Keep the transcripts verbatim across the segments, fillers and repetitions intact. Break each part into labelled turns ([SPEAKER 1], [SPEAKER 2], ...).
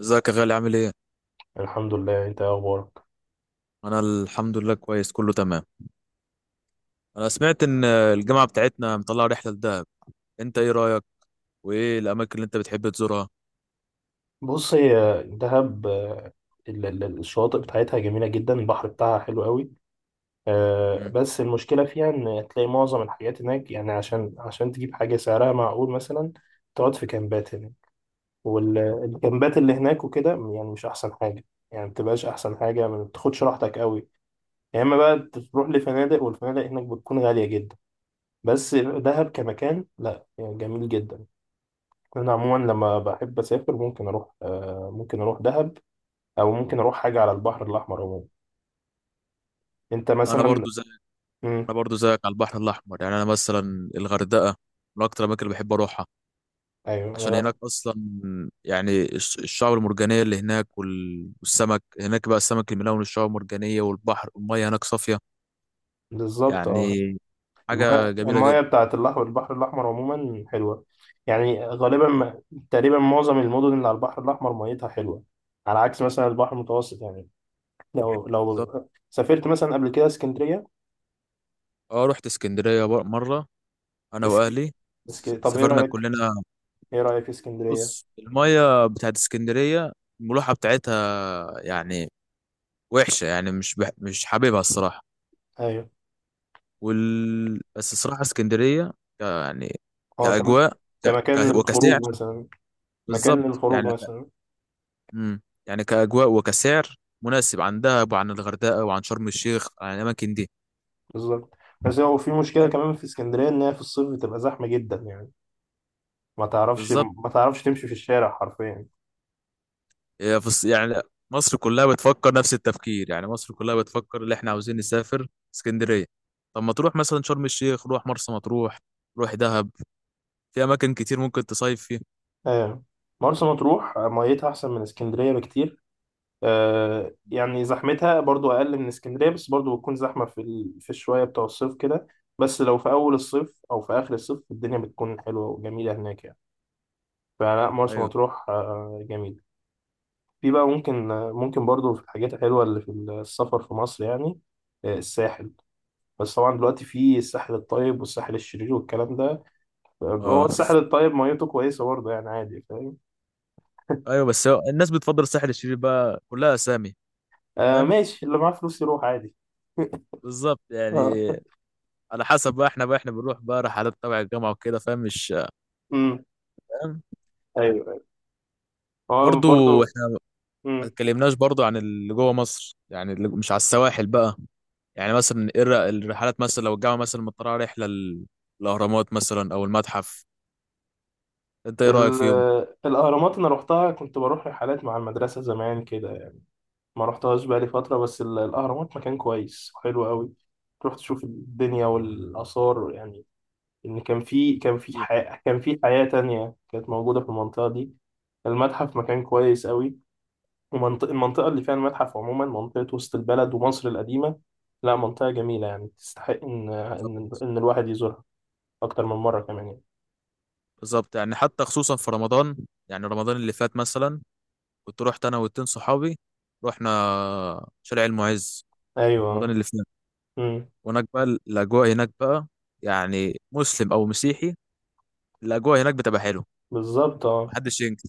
[SPEAKER 1] ازيك يا غالي، عامل ايه؟
[SPEAKER 2] الحمد لله. انت ايه اخبارك؟
[SPEAKER 1] انا الحمد لله، كويس، كله تمام. انا سمعت ان الجامعة بتاعتنا مطلعة رحلة لدهب. انت ايه رأيك؟ وايه الاماكن اللي انت بتحب تزورها؟
[SPEAKER 2] بص، هي دهب آه، ال- ال- الشواطئ بتاعتها جميله جدا، البحر بتاعها حلو قوي. آه،
[SPEAKER 1] مم.
[SPEAKER 2] بس المشكله فيها ان تلاقي معظم الحاجات هناك، يعني عشان عشان تجيب حاجه سعرها معقول مثلا، تقعد في كامبات هناك. والكامبات اللي هناك وكده يعني مش احسن حاجه، يعني ما بتبقاش احسن حاجه، ما بتاخدش راحتك قوي، يا اما بقى تروح لفنادق، والفنادق هناك بتكون غاليه جدا. بس دهب كمكان، لا يعني جميل جدا. انا عموما لما بحب اسافر ممكن اروح، آه، ممكن اروح دهب او ممكن اروح حاجه على البحر الاحمر عموما. انت
[SPEAKER 1] انا
[SPEAKER 2] مثلا؟
[SPEAKER 1] برضو زيك انا
[SPEAKER 2] امم،
[SPEAKER 1] برضو زيك على البحر الاحمر، يعني انا مثلا الغردقة من اكتر الاماكن اللي بحب اروحها،
[SPEAKER 2] ايوه،
[SPEAKER 1] عشان
[SPEAKER 2] أنا-
[SPEAKER 1] هناك اصلا، يعني الش- الشعاب المرجانية اللي هناك، وال- والسمك هناك بقى، السمك الملون والشعاب المرجانية والبحر، والمية هناك صافية،
[SPEAKER 2] بالظبط
[SPEAKER 1] يعني
[SPEAKER 2] اه.
[SPEAKER 1] حاجة
[SPEAKER 2] المايه
[SPEAKER 1] جميلة جدا.
[SPEAKER 2] المايه بتاعت الأح- البحر الاحمر عموما حلوه، يعني غالبا ما- تقريبا معظم المدن اللي على البحر الاحمر ميتها حلوه، على عكس مثلا البحر المتوسط. يعني لو لو سافرت مثلا قبل كده اسكندريه.
[SPEAKER 1] اه، رحت اسكندرية بر- مرة، انا
[SPEAKER 2] اسك...
[SPEAKER 1] واهلي،
[SPEAKER 2] اسك...
[SPEAKER 1] س-
[SPEAKER 2] طب ايه
[SPEAKER 1] سافرنا
[SPEAKER 2] رايك،
[SPEAKER 1] كلنا.
[SPEAKER 2] ايه رايك في اسكندريه؟
[SPEAKER 1] بص، المية بتاعت اسكندرية، الملوحة بتاعتها، يعني وحشة، يعني مش بح... مش حاببها الصراحة.
[SPEAKER 2] ايوه،
[SPEAKER 1] وال... بس الصراحة اسكندرية، ك... يعني
[SPEAKER 2] اه كمان،
[SPEAKER 1] كأجواء، ك...
[SPEAKER 2] كمكان
[SPEAKER 1] ك...
[SPEAKER 2] للخروج
[SPEAKER 1] وكسعر،
[SPEAKER 2] مثلا، مكان
[SPEAKER 1] بالظبط
[SPEAKER 2] للخروج
[SPEAKER 1] يعني ك...
[SPEAKER 2] مثلا.
[SPEAKER 1] مم. يعني كأجواء وكسعر مناسب عن دهب وعن الغردقة وعن شرم الشيخ، عن الأماكن دي،
[SPEAKER 2] بالظبط. بس هو في مشكلة
[SPEAKER 1] فاهم؟
[SPEAKER 2] كمان في اسكندرية، إن هي في الصيف بتبقى زحمة جدا، يعني ما تعرفش،
[SPEAKER 1] بالظبط.
[SPEAKER 2] ما تعرفش تمشي في الشارع حرفيا.
[SPEAKER 1] هي في الص- يعني مصر كلها بتفكر نفس التفكير، يعني مصر كلها بتفكر اللي احنا عاوزين نسافر اسكندرية. طب ما تروح مثلا شرم الشيخ، روح مرسى مطروح، روح دهب، في اماكن كتير ممكن تصيف فيها.
[SPEAKER 2] آه. مرسى مطروح ميتها أحسن من اسكندرية بكتير. آه. يعني زحمتها برضو أقل من اسكندرية، بس برضو بتكون زحمة في ال... في الشوية بتوع الصيف كده. بس لو في أول الصيف أو في آخر الصيف الدنيا بتكون حلوة وجميلة هناك يعني. فلا مرسى
[SPEAKER 1] ايوه،
[SPEAKER 2] مطروح آه جميلة. في بقى ممكن، ممكن برضو في الحاجات الحلوة اللي في السفر في مصر، يعني آه، الساحل. بس طبعا دلوقتي في الساحل الطيب والساحل الشرير والكلام ده. هو
[SPEAKER 1] اه،
[SPEAKER 2] الساحل الطيب ميته كويسه برضه، يعني عادي فاهم.
[SPEAKER 1] ايوه. بس هو الناس بتفضل الساحل الشرير بقى، كلها اسامي،
[SPEAKER 2] آه
[SPEAKER 1] فاهم؟
[SPEAKER 2] ماشي، اللي معاه فلوس يروح عادي.
[SPEAKER 1] بالظبط يعني.
[SPEAKER 2] اه،
[SPEAKER 1] على حسب بقى، احنا بقى احنا بنروح بقى رحلات تبع الجامعه وكده، فاهم؟ مش
[SPEAKER 2] امم،
[SPEAKER 1] فاهم.
[SPEAKER 2] ايوه، هو
[SPEAKER 1] برضو.
[SPEAKER 2] برضه،
[SPEAKER 1] احنا ما
[SPEAKER 2] امم.
[SPEAKER 1] اتكلمناش برضو عن اللي جوه مصر، يعني اللي مش على السواحل بقى، يعني مثلا ايه الر- الرحلات مثلا، لو الجامعه مثلا مطلعه رحله ال- الاهرامات مثلا او المتحف، انت ايه رايك فيهم؟
[SPEAKER 2] ال- الاهرامات انا روحتها، كنت بروح رحلات مع المدرسه زمان كده يعني. ما روحتهاش بقالي فتره، بس ال- الاهرامات مكان كويس وحلو قوي، تروح تشوف الدنيا والاثار. يعني ان كان، في كان في
[SPEAKER 1] إيه.
[SPEAKER 2] حياه كان في حياه تانية كانت موجوده في المنطقه دي. المتحف مكان كويس قوي. ومنطقة المنطقة اللي فيها المتحف عموما منطقة وسط البلد ومصر القديمة، لا منطقة جميلة، يعني تستحق إن
[SPEAKER 1] بالظبط.
[SPEAKER 2] إن إن الواحد يزورها أكتر من مرة كمان يعني.
[SPEAKER 1] بالظبط. يعني حتى خصوصا في رمضان، يعني رمضان اللي فات مثلا، كنت رحت انا واتنين صحابي، رحنا شارع المعز، رمضان
[SPEAKER 2] أيوه.
[SPEAKER 1] اللي فات.
[SPEAKER 2] أمم،
[SPEAKER 1] هناك بقى، الاجواء هناك بقى، يعني مسلم او مسيحي، الاجواء هناك بتبقى حلوه،
[SPEAKER 2] بالظبط أه.
[SPEAKER 1] محدش ينكر.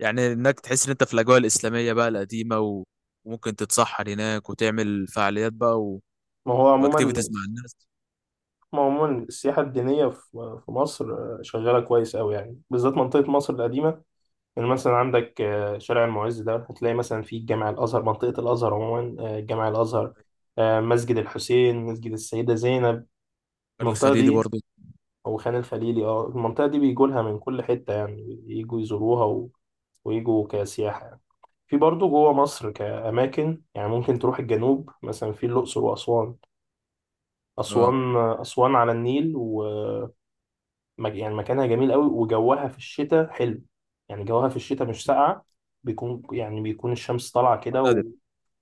[SPEAKER 1] يعني هناك تحس ان انت في الاجواء الاسلاميه بقى القديمه، و... وممكن تتسحر هناك وتعمل فعاليات بقى، و...
[SPEAKER 2] ما هو عموما
[SPEAKER 1] واكتيفيتيز مع الناس.
[SPEAKER 2] ما هو عموما السياحة الدينية في في مصر، آه، شغالة كويس أوي، يعني بالذات منطقة مصر القديمة. يعني مثلا عندك آه، شارع المعز ده، هتلاقي مثلا فيه جامع الأزهر، منطقة الأزهر عموما، آه، جامع الأزهر، آه، مسجد الحسين، مسجد السيدة زينب،
[SPEAKER 1] البر
[SPEAKER 2] المنطقة
[SPEAKER 1] الخليلي
[SPEAKER 2] دي
[SPEAKER 1] برضو.
[SPEAKER 2] او خان الخليلي. اه المنطقه دي بيجولها من كل حته، يعني يجوا يزوروها و... ويجوا كسياحه يعني. في برضه جوه مصر كأماكن يعني ممكن تروح الجنوب، مثلا في الأقصر وأسوان.
[SPEAKER 1] اه،
[SPEAKER 2] أسوان أسوان على النيل و مك- يعني مكانها جميل قوي، وجوها في الشتاء حلو، يعني جوها في الشتاء مش ساقعة، بيكون يعني بيكون الشمس طالعة كده،
[SPEAKER 1] معتدل.
[SPEAKER 2] و...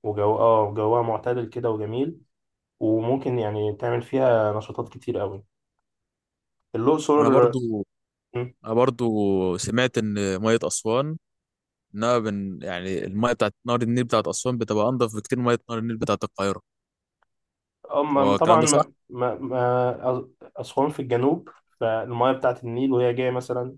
[SPEAKER 2] وجو اه جوها معتدل كده وجميل، وممكن يعني تعمل فيها نشاطات كتير قوي. الأقصر،
[SPEAKER 1] انا برضو انا برضو سمعت ان ميه اسوان، انها، من، يعني الميه بتاعت نهر النيل بتاعت اسوان بتبقى انضف بكتير من ميه نهر النيل بتاعت القاهره، هو
[SPEAKER 2] هم
[SPEAKER 1] الكلام
[SPEAKER 2] طبعا
[SPEAKER 1] ده صح؟
[SPEAKER 2] ما ما ما أسوان في الجنوب، فالمياه بتاعة النيل وهي جاية مثلا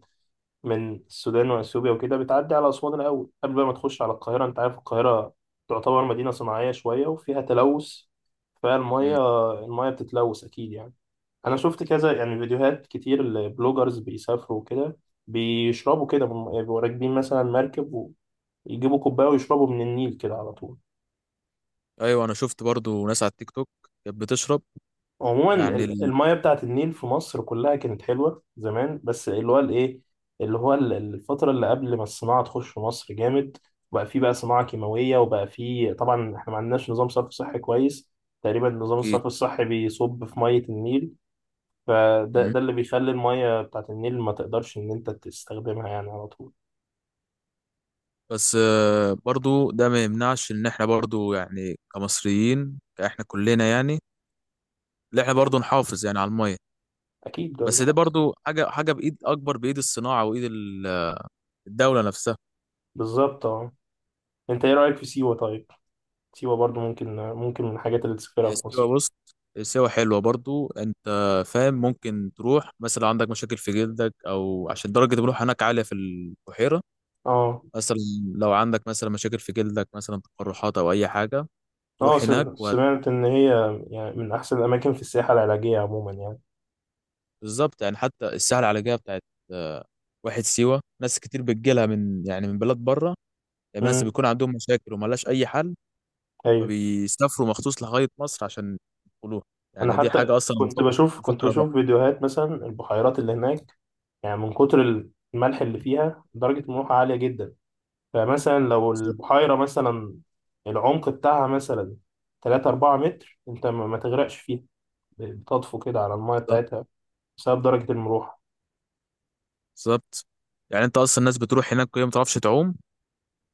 [SPEAKER 2] من السودان وأثيوبيا وكده، بتعدي على أسوان الأول قبل بقى ما تخش على القاهرة. أنت عارف القاهرة تعتبر مدينة صناعية شوية وفيها تلوث،
[SPEAKER 1] مم.
[SPEAKER 2] فالمياه المياه بتتلوث أكيد يعني. أنا شفت كذا يعني فيديوهات كتير البلوجرز بيسافروا وكده، بيشربوا كده، بيبقوا راكبين مثلا مركب ويجيبوا كوباية ويشربوا من النيل كده على طول.
[SPEAKER 1] ايوه، انا شفت برضو ناس على التيك توك كانت بتشرب،
[SPEAKER 2] عموما
[SPEAKER 1] يعني
[SPEAKER 2] ال-
[SPEAKER 1] ال...
[SPEAKER 2] المياه بتاعت النيل في مصر كلها كانت حلوة زمان، بس اللي هو الايه، اللي هو ال- الفترة اللي قبل ما الصناعة تخش في مصر جامد، بقى في، بقى صناعة كيماوية، وبقى في طبعا احنا ما عندناش نظام صرف صحي كويس، تقريبا نظام
[SPEAKER 1] أكيد.
[SPEAKER 2] الصرف الصحي بيصب في مية النيل. فده
[SPEAKER 1] مم.
[SPEAKER 2] ده اللي بيخلي المية بتاعت النيل ما تقدرش ان انت تستخدمها يعني على طول.
[SPEAKER 1] بس آه، برضو ده ما يمنعش ان احنا برضو يعني كمصريين، احنا كلنا يعني ان احنا برضو نحافظ يعني على الميه.
[SPEAKER 2] اكيد ده
[SPEAKER 1] بس
[SPEAKER 2] اللي
[SPEAKER 1] ده
[SPEAKER 2] حق.
[SPEAKER 1] برضو حاجه حاجه بايد اكبر، بايد الصناعه، وايد ال- الدوله نفسها.
[SPEAKER 2] بالظبط اه. انت ايه رأيك في سيوة طيب؟ سيوة برضو ممكن، ممكن من الحاجات اللي تسافرها
[SPEAKER 1] هي
[SPEAKER 2] في مصر.
[SPEAKER 1] سيوه، بص، سيوه حلوه برضو، انت فاهم؟ ممكن تروح مثلا، عندك مشاكل في جلدك، او عشان درجه الملوحه هناك عاليه في البحيره
[SPEAKER 2] اه،
[SPEAKER 1] مثلا، لو عندك مثلا مشاكل في جلدك مثلا، تقرحات او اي حاجه،
[SPEAKER 2] اه
[SPEAKER 1] تروح
[SPEAKER 2] س-
[SPEAKER 1] هناك وهت-
[SPEAKER 2] سمعت ان هي يعني من احسن الاماكن في السياحه العلاجيه عموما يعني.
[SPEAKER 1] بالظبط يعني، حتى الساحه العلاجيه بتاعت آه، واحد سيوه، ناس كتير بتجيلها من، يعني من بلاد بره، يعني ناس
[SPEAKER 2] امم،
[SPEAKER 1] بيكون عندهم مشاكل وملهاش اي حل،
[SPEAKER 2] ايوه.
[SPEAKER 1] فبيسافروا مخصوص لغايه مصر عشان يدخلوها،
[SPEAKER 2] انا
[SPEAKER 1] يعني دي
[SPEAKER 2] حتى
[SPEAKER 1] حاجه اصلا أنا
[SPEAKER 2] كنت
[SPEAKER 1] بفكر،
[SPEAKER 2] بشوف كنت
[SPEAKER 1] بفكر اروح.
[SPEAKER 2] بشوف فيديوهات مثلا البحيرات اللي هناك، يعني من كتر الملح اللي فيها درجه الملوحه عاليه جدا. فمثلا لو البحيره مثلا العمق بتاعها مثلا تلاتة اربعة متر، انت ما ما تغرقش فيها، بتطفو كده على الميه
[SPEAKER 1] بالظبط.
[SPEAKER 2] بتاعتها بسبب درجه الملوحه.
[SPEAKER 1] بالظبط يعني، انت اصلا الناس بتروح هناك وهي ما بتعرفش تعوم،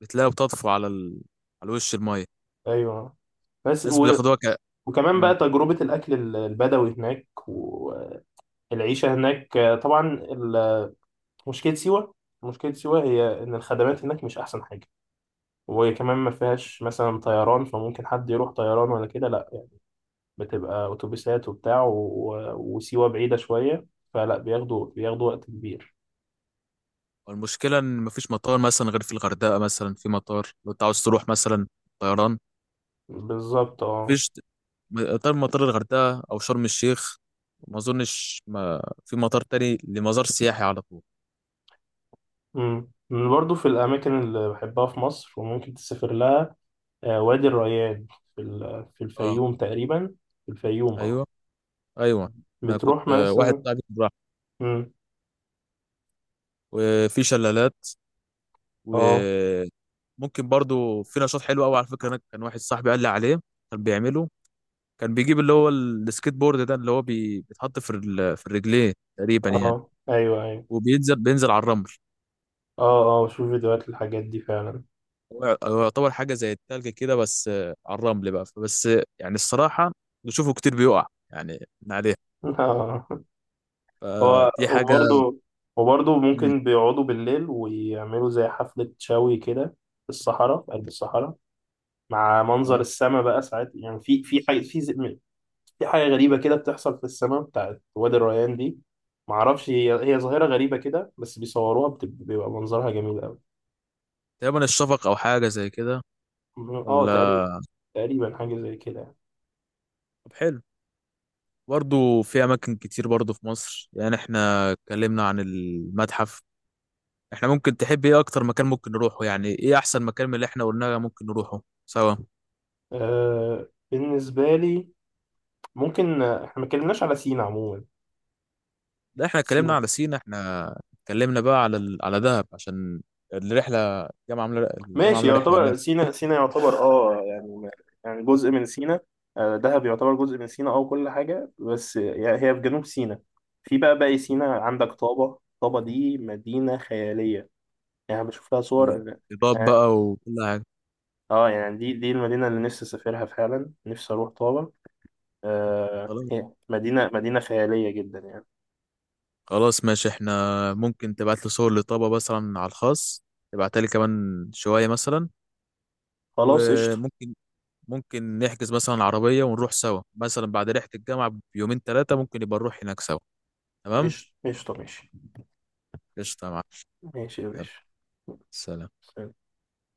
[SPEAKER 1] بتلاقيها بتطفو على ال... على وش المايه،
[SPEAKER 2] ايوه. بس
[SPEAKER 1] ناس
[SPEAKER 2] و...
[SPEAKER 1] بياخدوها ك...
[SPEAKER 2] وكمان
[SPEAKER 1] مم.
[SPEAKER 2] بقى تجربه الاكل البدوي هناك، العيشة هناك. آه، طبعا ال- مشكلة سيوة، مشكلة سيوة هي إن الخدمات هناك مش أحسن حاجة، وكمان ما فيهاش مثلا طيران، فممكن حد يروح طيران؟ ولا كده لا يعني، بتبقى أتوبيسات وبتاع، و... و- وسيوة بعيدة شوية، فلا بياخدوا، بياخدوا وقت كبير.
[SPEAKER 1] والمشكلة إن مفيش مطار مثلا غير في الغردقة مثلا، في مطار لو أنت عاوز تروح مثلا طيران،
[SPEAKER 2] بالظبط اه.
[SPEAKER 1] مفيش م- غير مطار الغردقة أو شرم الشيخ. ما أظنش ما في مطار تاني لمزار سياحي على طول.
[SPEAKER 2] أمم. من برضو في الأماكن اللي بحبها في مصر وممكن تسافر لها، آه، وادي الريان، في ال... في
[SPEAKER 1] أه،
[SPEAKER 2] الفيوم تقريبا، في الفيوم اه.
[SPEAKER 1] أيوه، أيوه. أنا كنت
[SPEAKER 2] بتروح
[SPEAKER 1] آه، واحد
[SPEAKER 2] مثلا،
[SPEAKER 1] صاحبي راح.
[SPEAKER 2] أمم،
[SPEAKER 1] وفي شلالات،
[SPEAKER 2] اه
[SPEAKER 1] وممكن برضو في نشاط حلو أوي، على فكرة، أنا كان واحد صاحبي قال لي عليه، كان بيعمله، كان بيجيب اللي هو ال- السكيت بورد ده، اللي هو بي- بيتحط في ال- في الرجلين تقريبا يعني،
[SPEAKER 2] اه، ايوه ايوه،
[SPEAKER 1] وبينزل بينزل على الرمل.
[SPEAKER 2] اه اه بشوف فيديوهات الحاجات دي فعلا.
[SPEAKER 1] هو هو يعتبر حاجة زي التلج كده، بس آه، على الرمل بقى، فبس آه، يعني الصراحة بشوفه كتير بيقع يعني من عليه،
[SPEAKER 2] آه. هو
[SPEAKER 1] فدي حاجة.
[SPEAKER 2] وبرضه، وبرضه
[SPEAKER 1] مم.
[SPEAKER 2] ممكن بيقعدوا بالليل ويعملوا زي حفلة شوي كده، في الصحراء، في قلب الصحراء، مع منظر
[SPEAKER 1] آه.
[SPEAKER 2] السماء. بقى ساعات يعني في، في حاجة في ز- في حاجة غريبة كده بتحصل في السماء بتاعت وادي الريان دي. معرفش هي هي ظاهرة غريبة كده، بس بيصوروها بت- بيبقى منظرها جميل أوي.
[SPEAKER 1] تقريبا الشفق أو حاجة زي كده،
[SPEAKER 2] اه
[SPEAKER 1] ولا؟
[SPEAKER 2] تقريبا، تقريبا حاجة زي كده يعني.
[SPEAKER 1] طب حلو. برضه في أماكن كتير برضه في مصر، يعني احنا اتكلمنا عن المتحف، احنا ممكن تحب ايه أكتر مكان ممكن نروحه؟ يعني ايه أحسن مكان من اللي احنا قلناه ممكن نروحه سوا؟
[SPEAKER 2] آه بالنسبة لي، ممكن آه، احنا ما اتكلمناش على سينا عموما.
[SPEAKER 1] لا، احنا اتكلمنا
[SPEAKER 2] سينا،
[SPEAKER 1] على سينا، احنا اتكلمنا بقى على ال... على دهب عشان الرحلة، الجامعة عاملة الجامعة
[SPEAKER 2] ماشي،
[SPEAKER 1] عاملة رحلة هناك.
[SPEAKER 2] يعتبر سينا، سينا يعتبر اه يعني، يعني جزء من سينا، آه، دهب يعتبر جزء من سينا اه، كل حاجة، بس يعني هي في جنوب سينا. في بقى باقي سينا عندك طابة. طابة دي مدينة خيالية، يعني أنا بشوف لها صور
[SPEAKER 1] إضاءة
[SPEAKER 2] اه.
[SPEAKER 1] بقى وكل حاجة.
[SPEAKER 2] آه، يعني دي دي المدينة اللي نفسي اسافرها فعلا، نفسي اروح طابة. آه
[SPEAKER 1] خلاص.
[SPEAKER 2] هي مدينة مدينة خيالية جدا يعني.
[SPEAKER 1] خلاص ماشي، احنا ممكن تبعت لي صور لطابة مثلا على الخاص، تبعتها لي كمان شوية مثلا،
[SPEAKER 2] خلاص قشطة.
[SPEAKER 1] وممكن ممكن نحجز مثلا عربية ونروح سوا مثلا بعد رحلة الجامعة بيومين ثلاثة، ممكن يبقى نروح هناك سوا. تمام.
[SPEAKER 2] قشطة قشطة ماشي،
[SPEAKER 1] قشطة يا معلم.
[SPEAKER 2] ماشي يا
[SPEAKER 1] يلا.
[SPEAKER 2] باشا.
[SPEAKER 1] سلام.